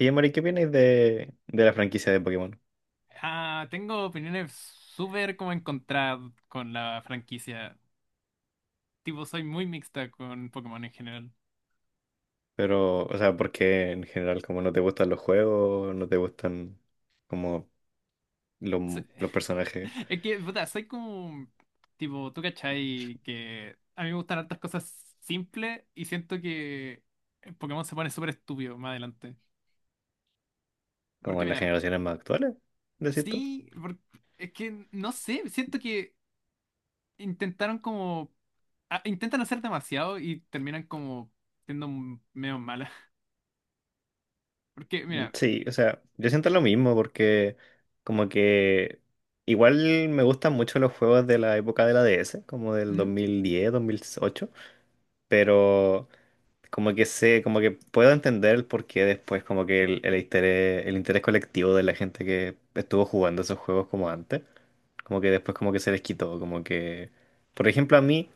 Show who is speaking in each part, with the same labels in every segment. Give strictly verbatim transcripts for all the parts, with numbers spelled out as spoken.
Speaker 1: Oye, Mari, ¿qué opináis de, de la franquicia de Pokémon?
Speaker 2: Ah, tengo opiniones súper como encontradas con la franquicia. Tipo, soy muy mixta con Pokémon en general.
Speaker 1: Pero, o sea, porque en general como no te gustan los juegos, no te gustan como los,
Speaker 2: Se-
Speaker 1: los personajes
Speaker 2: Es que, puta, soy como, tipo, tú cachai que a mí me gustan hartas cosas simples y siento que Pokémon se pone súper estúpido más adelante.
Speaker 1: como
Speaker 2: Porque
Speaker 1: en las
Speaker 2: mira,
Speaker 1: generaciones más actuales, ¿decís tú?
Speaker 2: sí, por- es que no sé, siento que intentaron como, ah, intentan hacer demasiado y terminan como siendo m- medio malas. Porque
Speaker 1: Mm,
Speaker 2: mira,
Speaker 1: sí, o sea, yo siento
Speaker 2: eh,
Speaker 1: lo mismo porque como que igual me gustan mucho los juegos de la época de la D S, como del dos dos mil diez dos mil ocho, pero... Como que sé, como que puedo entender el porqué después, como que el, el interés, el interés colectivo de la gente que estuvo jugando esos juegos como antes, como que después como que se les quitó, como que, por ejemplo, a mí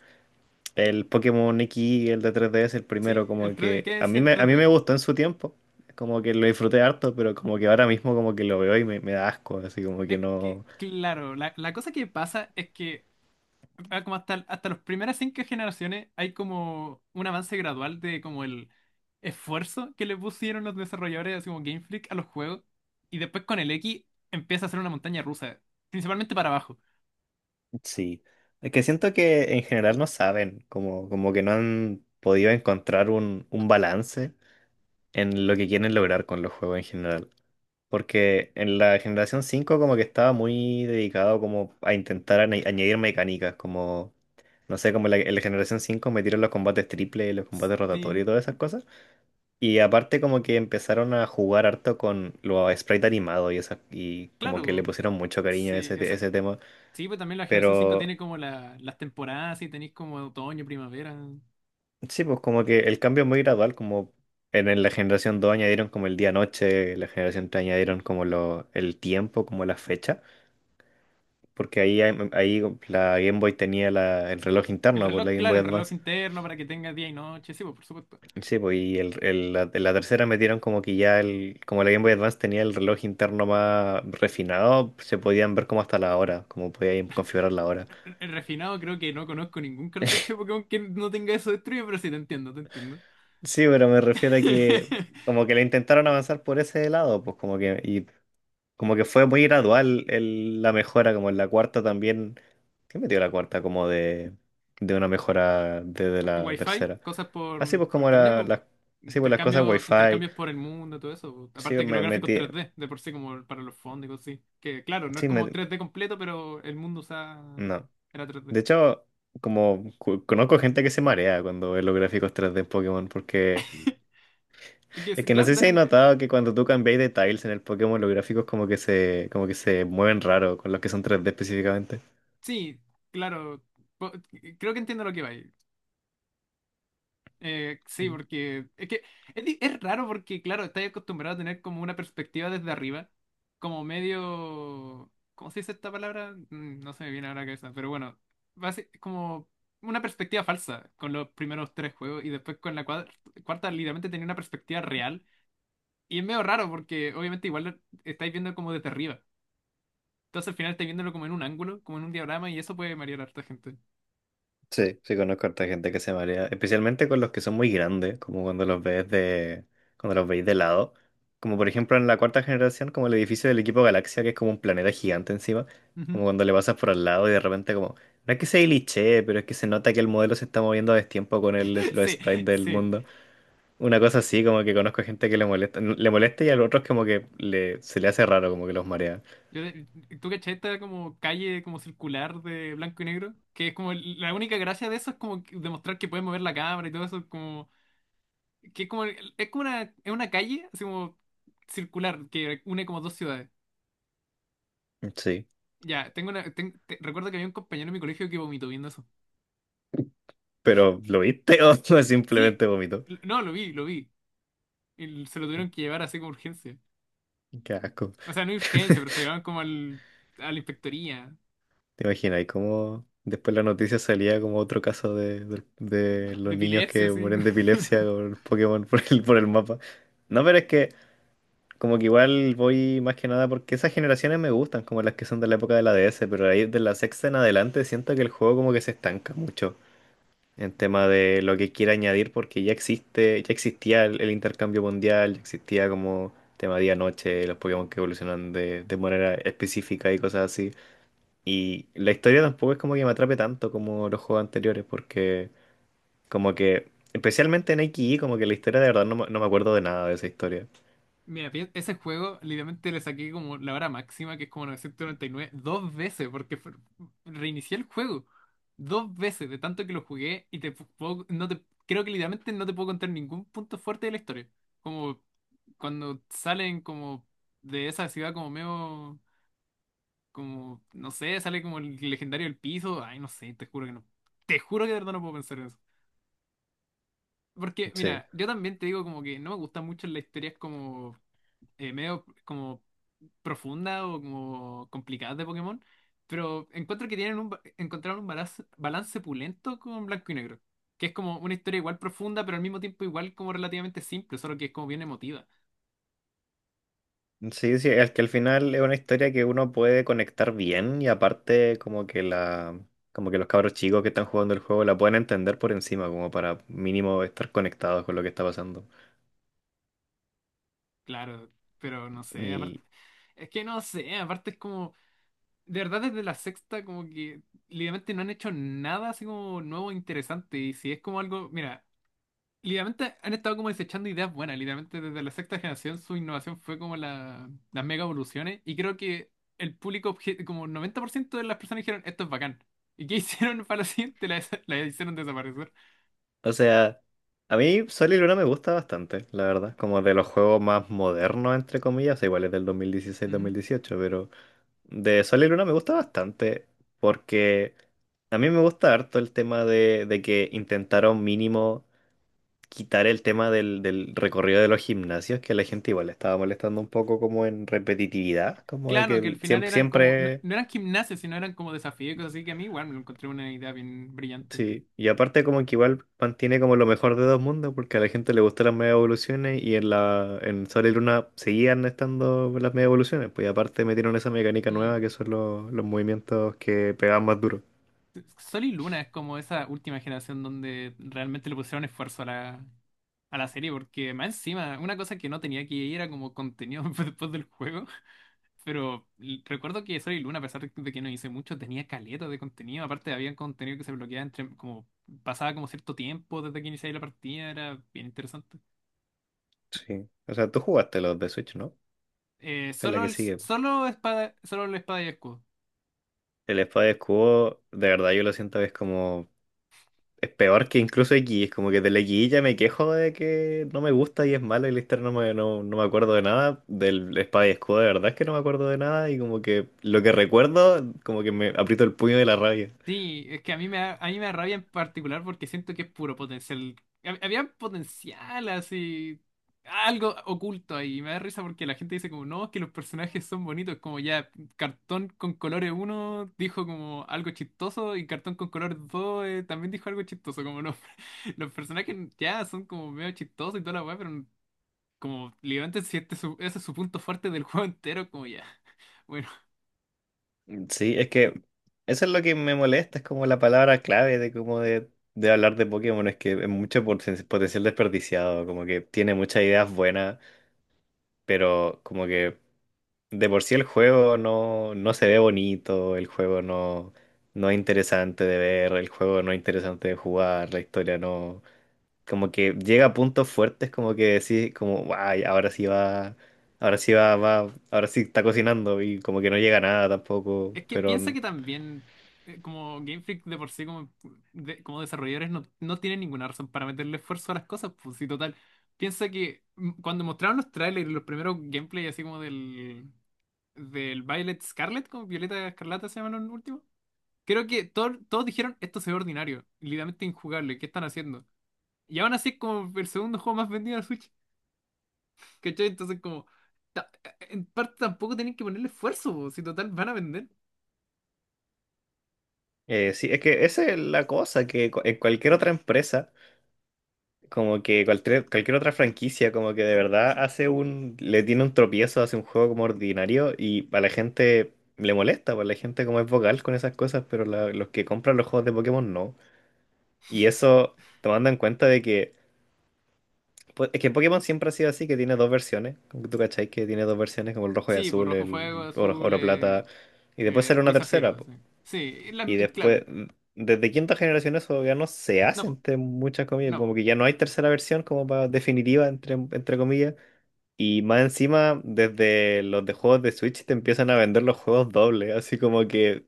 Speaker 1: el Pokémon X, el de tres D s el primero,
Speaker 2: sí, el,
Speaker 1: como
Speaker 2: tres el
Speaker 1: que
Speaker 2: que
Speaker 1: a
Speaker 2: es
Speaker 1: mí
Speaker 2: el
Speaker 1: me, a mí me
Speaker 2: tres D.
Speaker 1: gustó en su tiempo, como que lo disfruté harto, pero como que ahora mismo como que lo veo y me, me da asco, así como que
Speaker 2: Es que,
Speaker 1: no,
Speaker 2: claro, la, la cosa que pasa es que ah, como hasta, hasta las primeras cinco generaciones hay como un avance gradual de como el esfuerzo que le pusieron los desarrolladores, así como Game Freak, a los juegos. Y después con el X empieza a ser una montaña rusa, principalmente para abajo.
Speaker 1: sí. Es que siento que en general no saben, como, como que no han podido encontrar un, un balance en lo que quieren lograr con los juegos en general. Porque en la generación cinco como que estaba muy dedicado como a intentar añ- añadir mecánicas, como, no sé, como la, en la generación cinco metieron los combates triple, los combates rotatorios
Speaker 2: Sí,
Speaker 1: y todas esas cosas. Y aparte como que empezaron a jugar harto con los sprites animados y, esas, y como que le
Speaker 2: claro,
Speaker 1: pusieron mucho cariño a
Speaker 2: sí,
Speaker 1: ese, te-
Speaker 2: esa,
Speaker 1: ese tema.
Speaker 2: sí, pues también la generación cinco
Speaker 1: Pero
Speaker 2: tiene como la, las temporadas, y tenéis como otoño, primavera.
Speaker 1: sí, pues como que el cambio es muy gradual, como en, en la generación dos añadieron como el día-noche, la generación tres añadieron como lo, el tiempo, como la fecha, porque ahí, hay- ahí la Game Boy tenía la, el reloj
Speaker 2: El
Speaker 1: interno por
Speaker 2: reloj,
Speaker 1: la Game
Speaker 2: claro,
Speaker 1: Boy
Speaker 2: el reloj
Speaker 1: Advance.
Speaker 2: interno para que tenga día y noche, sí, pues por supuesto.
Speaker 1: Sí, pues y el, el- la, la tercera metieron como que ya el, como la Game Boy Advance tenía el reloj interno más refinado, se podían ver como hasta la hora, como podían configurar la hora.
Speaker 2: El refinado creo que no conozco ningún cartucho de Pokémon que no tenga eso destruido, pero sí te entiendo, te entiendo.
Speaker 1: Sí, pero me refiero a que como que le intentaron avanzar por ese lado, pues como que y como que fue muy gradual el- la mejora, como en la cuarta también. ¿Qué metió la cuarta? Como de, de una mejora desde la
Speaker 2: Wi-Fi,
Speaker 1: tercera.
Speaker 2: cosas por,
Speaker 1: Así pues
Speaker 2: por
Speaker 1: como
Speaker 2: internet,
Speaker 1: era
Speaker 2: po.
Speaker 1: las, así pues las cosas
Speaker 2: Intercambio,
Speaker 1: Wi-Fi.
Speaker 2: intercambios por el mundo, todo eso. Po.
Speaker 1: Sí,
Speaker 2: Aparte que los
Speaker 1: me
Speaker 2: gráficos
Speaker 1: metí.
Speaker 2: tres d de por sí, como para los fondos y cosas así. Que claro, no es
Speaker 1: Sí,
Speaker 2: como
Speaker 1: me,
Speaker 2: tres d completo, pero el mundo usaba.
Speaker 1: no.
Speaker 2: Era tres d.
Speaker 1: De hecho, como cu- conozco gente que se marea cuando ve los gráficos tres D en Pokémon, porque
Speaker 2: Es
Speaker 1: es
Speaker 2: que,
Speaker 1: que no
Speaker 2: claro,
Speaker 1: sé si
Speaker 2: están
Speaker 1: hay
Speaker 2: en-
Speaker 1: notado que cuando tú cambiáis de tiles en el Pokémon, los gráficos como que se, como que se mueven raro con los que son tres D específicamente.
Speaker 2: sí, claro. po- Creo que entiendo lo que va ahí. Eh, sí, porque es que es, di- es raro porque, claro, estás acostumbrado a tener como una perspectiva desde arriba, como medio. ¿Cómo se dice esta palabra? Mm, No se me viene ahora a la cabeza, pero bueno, basi- como una perspectiva falsa con los primeros tres juegos y después con la cuadra- cuarta literalmente tenía una perspectiva real y es medio raro porque obviamente igual lo estáis viendo como desde arriba. Entonces al final estáis viéndolo como en un ángulo, como en un diagrama y eso puede marear a harta gente.
Speaker 1: Sí, sí conozco a harta gente que se marea, especialmente con los que son muy grandes, como cuando los ves de, cuando los veis de lado. Como por ejemplo en la cuarta generación, como el edificio del equipo Galaxia, que es como un planeta gigante encima,
Speaker 2: Ujú.
Speaker 1: como cuando le pasas por al lado y de repente como, no es que se glitchee, pero es que se nota que el modelo se está moviendo a destiempo con el, los
Speaker 2: Sí,
Speaker 1: sprites del
Speaker 2: sí.
Speaker 1: mundo. Una cosa así, como que conozco gente que le molesta, le molesta y a los otros como que le, se le hace raro, como que los marea.
Speaker 2: Yo, ¿tú cachai esta como calle como circular de blanco y negro? Que es como el- la única gracia de eso es como que- demostrar que puedes mover la cámara y todo eso, como que es como es como una es una calle así como circular que une como dos ciudades.
Speaker 1: Sí,
Speaker 2: Ya, tengo una ten- te- recuerdo que había un compañero en mi colegio que vomitó viendo eso.
Speaker 1: pero ¿lo viste o
Speaker 2: Sí,
Speaker 1: simplemente vomito?
Speaker 2: l- no, lo vi, lo vi. Y se lo tuvieron que llevar así como urgencia.
Speaker 1: Qué asco.
Speaker 2: O sea, no urgencia, pero se llevaron como al a la inspectoría
Speaker 1: ¿Te imaginas? Y cómo después la noticia salía como otro caso de, de- de
Speaker 2: de
Speaker 1: los niños
Speaker 2: epilepsia
Speaker 1: que
Speaker 2: así.
Speaker 1: mueren de epilepsia con el Pokémon por el, por el mapa. No, pero es que como que igual voy más que nada porque esas generaciones me gustan, como las que son de la época de la D S, pero ahí de la sexta en adelante siento que el juego como que se estanca mucho en tema de lo que quiere añadir porque ya existe, ya existía el, el intercambio mundial, ya existía como tema día-noche, los Pokémon que evolucionan de, de manera específica y cosas así. Y la historia tampoco es como que me atrape tanto como los juegos anteriores, porque como que, especialmente en Ikki, como que la historia de verdad no, me no me acuerdo de nada de esa historia.
Speaker 2: Mira, pi- ese juego literalmente le saqué como la hora máxima, que es como novecientos noventa y nueve dos veces, porque fue- reinicié el juego. Dos veces, de tanto que lo jugué, y te pu- puedo- no te, creo que literalmente no te puedo contar ningún punto fuerte de la historia. Como cuando salen como de esa ciudad como medio, como, no sé, sale como el legendario del piso. Ay, no sé, te juro que no. Te juro que de verdad no puedo pensar en eso. Porque,
Speaker 1: Sí.
Speaker 2: mira, yo también te digo como que no me gustan mucho las historias como eh, medio como profunda o como complicada de Pokémon, pero encuentro que tienen un, ba- encontraron un balance, balance pulento con Blanco y Negro, que es como una historia igual profunda, pero al mismo tiempo igual como relativamente simple, solo que es como bien emotiva,
Speaker 1: Sí, sí, es que al final es una historia que uno puede conectar bien y aparte como que la, como que los cabros chicos que están jugando el juego la pueden entender por encima, como para mínimo estar conectados con lo que está pasando.
Speaker 2: claro, pero no sé, aparte, es que no sé, aparte es como, de verdad desde la sexta como que literalmente no han hecho nada así como nuevo e interesante, y si es como algo, mira, literalmente han estado como desechando ideas buenas. Literalmente desde la sexta generación su innovación fue como la- las mega evoluciones. Y creo que el público, obje- como noventa por ciento de las personas dijeron, esto es bacán. ¿Y qué hicieron para la siguiente? La, des- la hicieron desaparecer.
Speaker 1: O sea, a mí Sol y Luna me gusta bastante, la verdad. Como de los juegos más modernos, entre comillas, o sea, igual es del dos dos mil dieciséis mil
Speaker 2: Ujú.
Speaker 1: dieciocho, pero de Sol y Luna me gusta bastante porque a mí me gusta harto el tema de, de que intentaron mínimo quitar el tema del, del recorrido de los gimnasios, que a la gente igual le estaba molestando un poco como en repetitividad, como de
Speaker 2: Claro, que al
Speaker 1: que
Speaker 2: final
Speaker 1: siempre,
Speaker 2: eran como, no,
Speaker 1: siempre...
Speaker 2: no eran gimnasios, sino eran como desafíos y cosas así que a mí igual me lo encontré una idea bien brillante.
Speaker 1: Sí, y aparte como que igual mantiene como lo mejor de dos mundos, porque a la gente le gustan las mega evoluciones y en la en Sol y Luna seguían estando las mega evoluciones, pues y aparte metieron esa mecánica nueva
Speaker 2: Mm.
Speaker 1: que son los, los movimientos que pegan más duro.
Speaker 2: Sol y Luna es como esa última generación donde realmente le pusieron esfuerzo a la, a la serie, porque más encima, una cosa que no tenía que ir era como contenido después del juego. Pero l- recuerdo que Sol y Luna, a pesar de que no hice mucho, tenía caleta de contenido. Aparte, había contenido que se bloqueaba entre, como, pasaba como cierto tiempo desde que iniciaba la partida, era bien interesante.
Speaker 1: Sí. O sea, tú jugaste los de Switch, ¿no?
Speaker 2: Eh,
Speaker 1: Es la
Speaker 2: solo
Speaker 1: que
Speaker 2: el,
Speaker 1: sigue.
Speaker 2: solo espada, solo la espada y escudo.
Speaker 1: El Espada y Escudo, de verdad yo lo siento que es como es peor que incluso X, es como que de la X ya me quejo de que no me gusta y es malo y Lister no me, no, no me acuerdo de nada. Del Espada y Escudo de verdad es que no me acuerdo de nada y como que lo que recuerdo como que me aprieto el puño de la rabia.
Speaker 2: Sí, es que a mí me da, a mí me da rabia en particular porque siento que es puro potencial. Hab- Había potencial así, algo oculto ahí. Y me da risa porque la gente dice como, no, es que los personajes son bonitos, como ya, Cartón con colores uno dijo como algo chistoso y Cartón con colores dos eh, también dijo algo chistoso, como no. Los personajes ya son como medio chistosos y toda la weá, pero como literalmente si este es su- ese es su punto fuerte del juego entero, como ya. Bueno.
Speaker 1: Sí, es que eso es lo que me molesta, es como la palabra clave de como de, de hablar de Pokémon, es que es mucho poten- potencial desperdiciado, como que tiene muchas ideas buenas, pero como que de por sí el juego no, no se ve bonito, el juego no, no es interesante de ver, el juego no es interesante de jugar, la historia no... Como que llega a puntos fuertes como que decís como, guay, ahora sí va, ahora sí va, va, ahora sí está cocinando y como que no llega a nada tampoco,
Speaker 2: Es que piensa
Speaker 1: pero...
Speaker 2: que también, eh, como Game Freak de por sí, como, de- como desarrolladores, no, no tienen ninguna razón para meterle esfuerzo a las cosas, pues sí, total. Piensa que mm, cuando mostraron los trailers, los primeros gameplay así como del, del, Violet Scarlet, como Violeta Escarlata se llaman los últimos, creo que todos todos dijeron, esto se ve ordinario, literalmente injugable, ¿qué están haciendo? Y aún así es como el segundo juego más vendido de la Switch, ¿cachai? Entonces como, ta- eh, en parte tampoco tienen que ponerle esfuerzo, pues, si total van a vender.
Speaker 1: eh, Sí, es que esa es la cosa, que cu- en cualquier otra empresa, como que cualquier, cualquier otra franquicia, como que de verdad hace un, le tiene un tropiezo, hace un juego como ordinario y a la gente le molesta, pues la gente como es vocal con esas cosas, pero la- los que compran los juegos de Pokémon no. Y eso tomando en cuenta de que, pues, es que Pokémon siempre ha sido así, que tiene dos versiones, como que tú cachai que tiene dos versiones, como el rojo y
Speaker 2: Sí, pues
Speaker 1: azul,
Speaker 2: rojo fuego,
Speaker 1: el oro,
Speaker 2: azul,
Speaker 1: oro
Speaker 2: eh,
Speaker 1: plata, y después
Speaker 2: eh,
Speaker 1: sale una
Speaker 2: Ruiz
Speaker 1: tercera,
Speaker 2: Zafiro, sí. Sí, y la-
Speaker 1: y
Speaker 2: eh, claro.
Speaker 1: después, mm, desde quinta generación eso ya no se
Speaker 2: No,
Speaker 1: hace
Speaker 2: po,
Speaker 1: entre muchas comillas,
Speaker 2: no,
Speaker 1: como
Speaker 2: po.
Speaker 1: que ya no hay tercera versión como para definitiva entre, entre comillas. Y más encima, desde los de juegos de Switch te empiezan a vender los juegos dobles, así como que,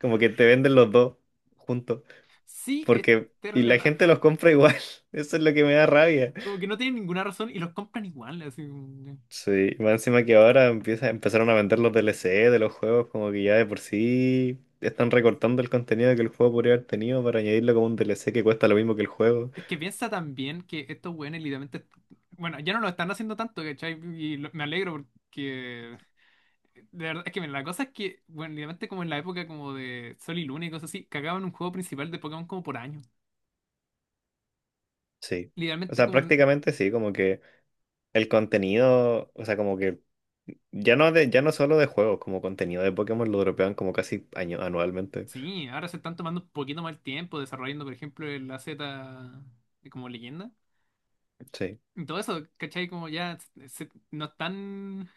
Speaker 1: como que te venden los dos juntos.
Speaker 2: Sí, es
Speaker 1: Porque, y
Speaker 2: terrible
Speaker 1: la
Speaker 2: raro.
Speaker 1: gente los compra igual. Eso es lo que me da rabia.
Speaker 2: Como que no tienen ninguna razón y los compran igual. así como-
Speaker 1: Sí, más encima que ahora empieza, empezaron a vender los D L C de los juegos, como que ya de por sí están recortando el contenido que el juego podría haber tenido para añadirlo como un D L C que cuesta lo mismo que el juego.
Speaker 2: Es que piensa también que estos güeyes literalmente. Bueno, ya no lo están haciendo tanto, ¿cachai? Y lo- me alegro porque. De verdad, es que mira, la cosa es que, bueno, literalmente como en la época como de Sol y Luna y cosas así, cagaban un juego principal de Pokémon como por año.
Speaker 1: Sí. O
Speaker 2: Literalmente
Speaker 1: sea,
Speaker 2: como.
Speaker 1: prácticamente sí, como que el contenido, o sea, como que ya no de, ya no solo de juegos, como contenido de Pokémon lo dropean como casi año- anualmente.
Speaker 2: Sí, ahora se están tomando un poquito más el tiempo desarrollando, por ejemplo, el A Z eh, como leyenda.
Speaker 1: Sí.
Speaker 2: Y todo eso, ¿cachai? Como ya se- se- no están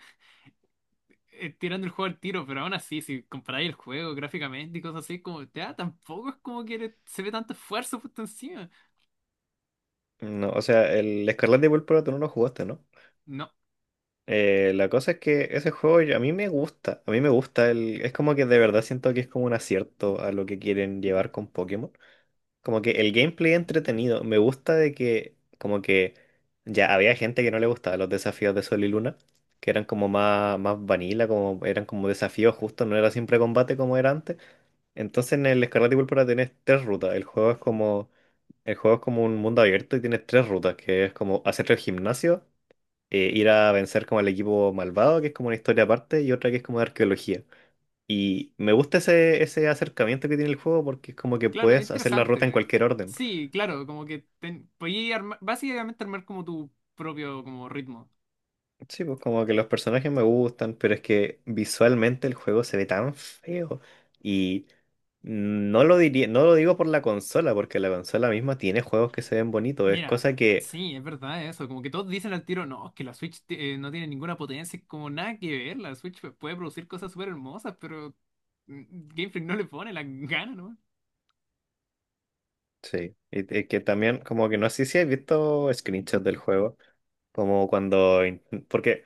Speaker 2: eh, tirando el juego al tiro, pero aún así, si comparáis el juego gráficamente y cosas así, como ya tampoco es como que le- se ve tanto esfuerzo puesto encima.
Speaker 1: No, o sea, el Escarlata y Púrpura tú no lo jugaste, ¿no?
Speaker 2: No,
Speaker 1: Eh, la cosa es que ese juego yo- a mí me gusta, a mí me gusta, el, es como que de verdad siento que es como un acierto a lo que quieren llevar con Pokémon. Como que el gameplay entretenido, me gusta de que como que ya había gente que no le gustaba los desafíos de Sol y Luna, que eran como más, más vanilla, como eran como desafíos justos, no era siempre combate como era antes. Entonces en el Escarlata y Púrpura tienes tres rutas, el juego es como, el juego es como un mundo abierto y tienes tres rutas, que es como hacer el gimnasio, eh, ir a vencer como al equipo malvado, que es como una historia aparte, y otra que es como de arqueología. Y me gusta ese, ese acercamiento que tiene el juego porque es como que
Speaker 2: claro, es
Speaker 1: puedes hacer la ruta en
Speaker 2: interesante. eh.
Speaker 1: cualquier orden.
Speaker 2: Sí, claro, como que ten, podías armar- básicamente armar como tu propio como ritmo.
Speaker 1: Sí, pues como que los personajes me gustan, pero es que visualmente el juego se ve tan feo. Y no lo diría, no lo digo por la consola, porque la consola misma tiene juegos que se ven bonitos. Es
Speaker 2: Mira,
Speaker 1: cosa que,
Speaker 2: sí, es verdad eso. Como que todos dicen al tiro, no, es que la Switch ti- eh, no tiene ninguna potencia, es como nada que ver. La Switch pu- puede producir cosas súper hermosas, pero mm, Game Freak no le pone la ganas, ¿no?
Speaker 1: sí, y- y que también como que no sé si has visto screenshots del juego. Como cuando, in- porque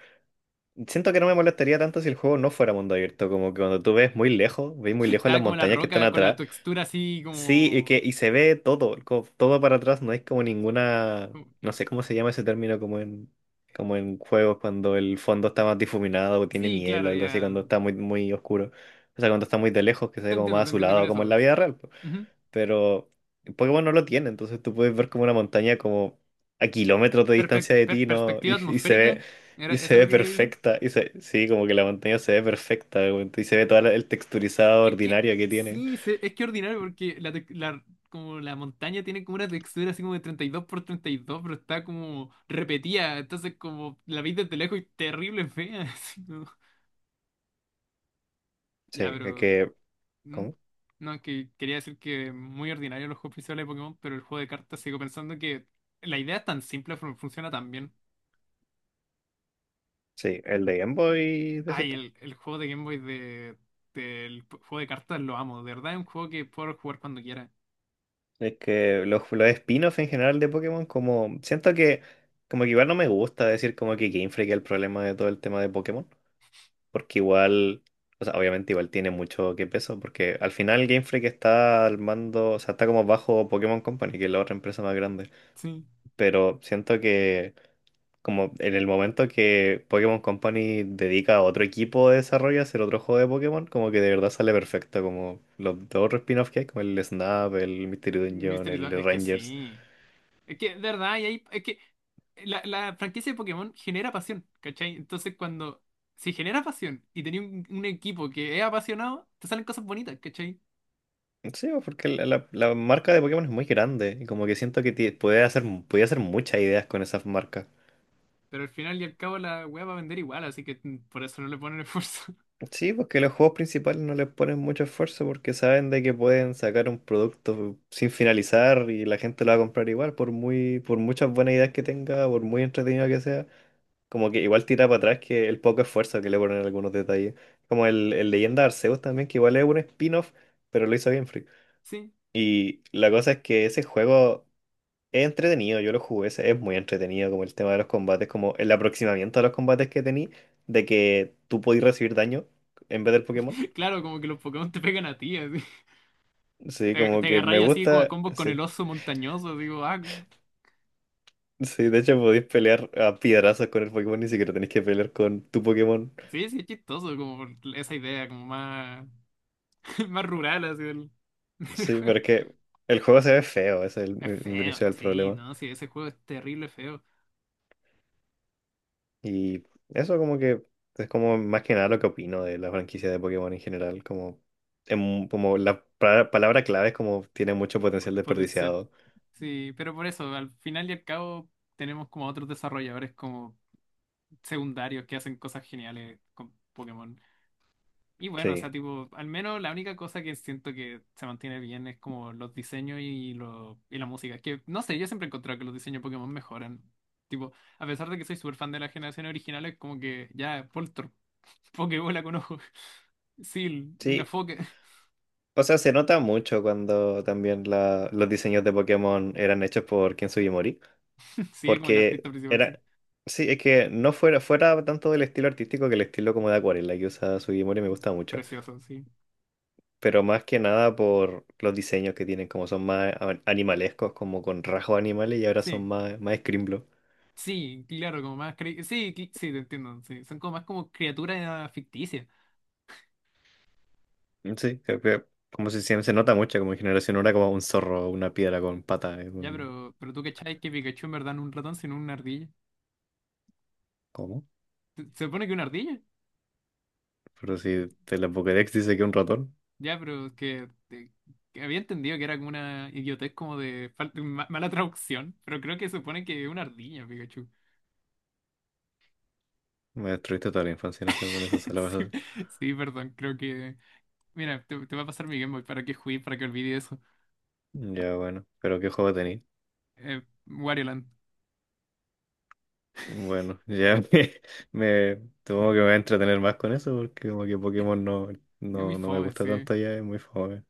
Speaker 1: Siento que no me molestaría tanto si el juego no fuera mundo abierto, como que cuando tú ves muy lejos, ves muy lejos las
Speaker 2: Estaba como la
Speaker 1: montañas que están
Speaker 2: roca con la
Speaker 1: atrás.
Speaker 2: textura así
Speaker 1: Sí, y
Speaker 2: como.
Speaker 1: que y se ve todo, co- todo para atrás, no hay como ninguna,
Speaker 2: como-
Speaker 1: no sé cómo se llama ese término como en como en juegos cuando el fondo está más difuminado o tiene
Speaker 2: Sí,
Speaker 1: niebla
Speaker 2: claro,
Speaker 1: o algo así,
Speaker 2: ya.
Speaker 1: cuando está muy muy oscuro. O sea, cuando está muy de lejos, que se ve
Speaker 2: Te
Speaker 1: como
Speaker 2: entiendo,
Speaker 1: más
Speaker 2: te entiendo con
Speaker 1: azulado, como en
Speaker 2: eso.
Speaker 1: la vida real,
Speaker 2: Ujú.
Speaker 1: pero Pokémon no lo tiene, entonces tú puedes ver como una montaña como a kilómetros de
Speaker 2: Perpe-
Speaker 1: distancia de
Speaker 2: per-
Speaker 1: ti, ¿no? Y,
Speaker 2: perspectiva
Speaker 1: y se
Speaker 2: atmosférica,
Speaker 1: ve,
Speaker 2: ¿era
Speaker 1: y se
Speaker 2: eso lo
Speaker 1: ve
Speaker 2: que quería decir?
Speaker 1: perfecta, y se- sí, como que la montaña se ve perfecta, güey, y se ve todo el texturizado
Speaker 2: Es que
Speaker 1: ordinario que tiene.
Speaker 2: sí, se- es que ordinario porque la, tec- la- como la montaña tiene como una textura así como de treinta y dos por treinta y dos pero está como repetida, entonces como la veis desde lejos y terrible fea. así como- Ya,
Speaker 1: Sí, es
Speaker 2: pero.
Speaker 1: que,
Speaker 2: ¿Mm?
Speaker 1: ¿cómo?
Speaker 2: No, es que quería decir que muy ordinario los juegos principales de Pokémon, pero el juego de cartas sigo pensando que la idea es tan simple, fun- funciona tan bien.
Speaker 1: Sí, el de Game Boy, decís
Speaker 2: Ay,
Speaker 1: tú.
Speaker 2: el, el juego de Game Boy de, del p- juego de cartas lo amo, de verdad es un juego que puedo jugar cuando quiera.
Speaker 1: Es que los, los spin-offs en general de Pokémon, como siento que como que igual no me gusta decir como que Game Freak es el problema de todo el tema de Pokémon. Porque igual, o sea, obviamente igual tiene mucho que peso, porque al final Game Freak está al mando, o sea, está como bajo Pokémon Company, que es la otra empresa más grande,
Speaker 2: Sí.
Speaker 1: pero siento que como en el momento que Pokémon Company dedica a otro equipo de desarrollo a hacer otro juego de Pokémon, como que de verdad sale perfecto, como los dos otros spin-offs que hay, como el Snap, el Mystery Dungeon,
Speaker 2: Mystery Dun-
Speaker 1: el
Speaker 2: es que
Speaker 1: Rangers.
Speaker 2: sí. Es que, de verdad, y ahí, es que eh, la, la franquicia de Pokémon genera pasión, ¿cachai? Entonces, cuando si genera pasión y tenía un, un equipo que es apasionado, te salen cosas bonitas, ¿cachai?
Speaker 1: Sí, pues, porque la, la- la marca de Pokémon es muy grande y como que siento que ti- puede hacer, puede hacer muchas ideas con esas marcas.
Speaker 2: Pero al final y al cabo la wea va a vender igual, así que mm, por eso no le ponen esfuerzo.
Speaker 1: Sí, porque los juegos principales no les ponen mucho esfuerzo porque saben de que pueden sacar un producto sin finalizar y la gente lo va a comprar igual, por muy, por muchas buenas ideas que tenga, por muy entretenido que sea, como que igual tira para atrás que el poco esfuerzo que le ponen en algunos detalles. Como el, el Leyenda de Arceus también, que igual es un spin-off, pero lo hizo bien Free.
Speaker 2: Sí,
Speaker 1: Y la cosa es que ese juego es entretenido, yo lo jugué, ese es muy entretenido, como el tema de los combates, como el aproximamiento a los combates que tení, de que tú podías recibir daño en vez del Pokémon.
Speaker 2: claro, como que los Pokémon te pegan a ti, así.
Speaker 1: Sí,
Speaker 2: Te,
Speaker 1: como
Speaker 2: te
Speaker 1: que me
Speaker 2: agarráis así como a
Speaker 1: gusta.
Speaker 2: combos con el
Speaker 1: Sí.
Speaker 2: oso montañoso, digo, ah,
Speaker 1: Sí, de hecho podéis pelear a piedrazos con el Pokémon, ni siquiera tenéis que pelear con tu Pokémon.
Speaker 2: sí, sí, es chistoso, como por esa idea, como más, más rural, así del del
Speaker 1: Sí,
Speaker 2: juego.
Speaker 1: pero es que el juego se ve feo, ese es el,
Speaker 2: Es
Speaker 1: mi- mi
Speaker 2: feo,
Speaker 1: principal
Speaker 2: sí,
Speaker 1: problema.
Speaker 2: no, sí, ese juego es terrible feo.
Speaker 1: Y eso como que es como más que nada lo que opino de la franquicia de Pokémon en general. Como, em- como la pra- palabra clave es como tiene mucho potencial
Speaker 2: Pu- Puede ser.
Speaker 1: desperdiciado.
Speaker 2: Sí, pero por eso, al final y al cabo, tenemos como otros desarrolladores como secundarios que hacen cosas geniales con Pokémon. Y bueno, o sea,
Speaker 1: Sí.
Speaker 2: tipo, al menos la única cosa que siento que se mantiene bien es como los diseños y, lo, y la música. Que no sé, yo siempre he encontrado que los diseños de Pokémon mejoran. Tipo, a pesar de que soy súper fan de la generación original, es como que ya, Poltor, Pokébola con ojos. Sí, una
Speaker 1: Sí.
Speaker 2: foca.
Speaker 1: O sea, se nota mucho cuando también la- los diseños de Pokémon eran hechos por Ken Sugimori.
Speaker 2: Sí, es como el artista
Speaker 1: Porque
Speaker 2: principal, sí.
Speaker 1: era. Sí, es que no fuera, fuera tanto del estilo artístico, que el estilo como de acuarela que usa Sugimori me gusta mucho.
Speaker 2: Precioso, sí.
Speaker 1: Pero más que nada por los diseños que tienen, como son más a- animalescos, como con rasgos animales y ahora
Speaker 2: Sí.
Speaker 1: son más, más Scrimblow.
Speaker 2: Sí, claro, como más. cre- Sí, cl- sí, te entiendo. Sí. Son como más como criaturas ficticias.
Speaker 1: Sí, creo que como si se, se nota mucho, como en generación ahora como un zorro, una piedra con pata, es
Speaker 2: Ya,
Speaker 1: un.
Speaker 2: pero, pero tú cachai que Pikachu en verdad no es un ratón, sino una ardilla.
Speaker 1: ¿Cómo?
Speaker 2: ¿Se se supone que una ardilla?
Speaker 1: Pero si te la Pokédex dice que un ratón,
Speaker 2: Ya, pero es que, eh, que había entendido que era como una idiotez como de falta- ma- mala traducción, pero creo que se supone que es una ardilla, Pikachu.
Speaker 1: me destruiste toda la infancia en esa- con esas
Speaker 2: Sí,
Speaker 1: palabras.
Speaker 2: sí, perdón, creo que. Mira, te, te va a pasar mi Game Boy para que juegues, para que olvide eso.
Speaker 1: Ya bueno, pero ¿qué juego tenéis?
Speaker 2: Eh, Wario Land.
Speaker 1: Bueno, ya me, me- supongo que me voy a entretener más con eso porque como que Pokémon no,
Speaker 2: Es muy
Speaker 1: no, no me
Speaker 2: fome,
Speaker 1: gusta
Speaker 2: sí.
Speaker 1: tanto ya, es muy famoso.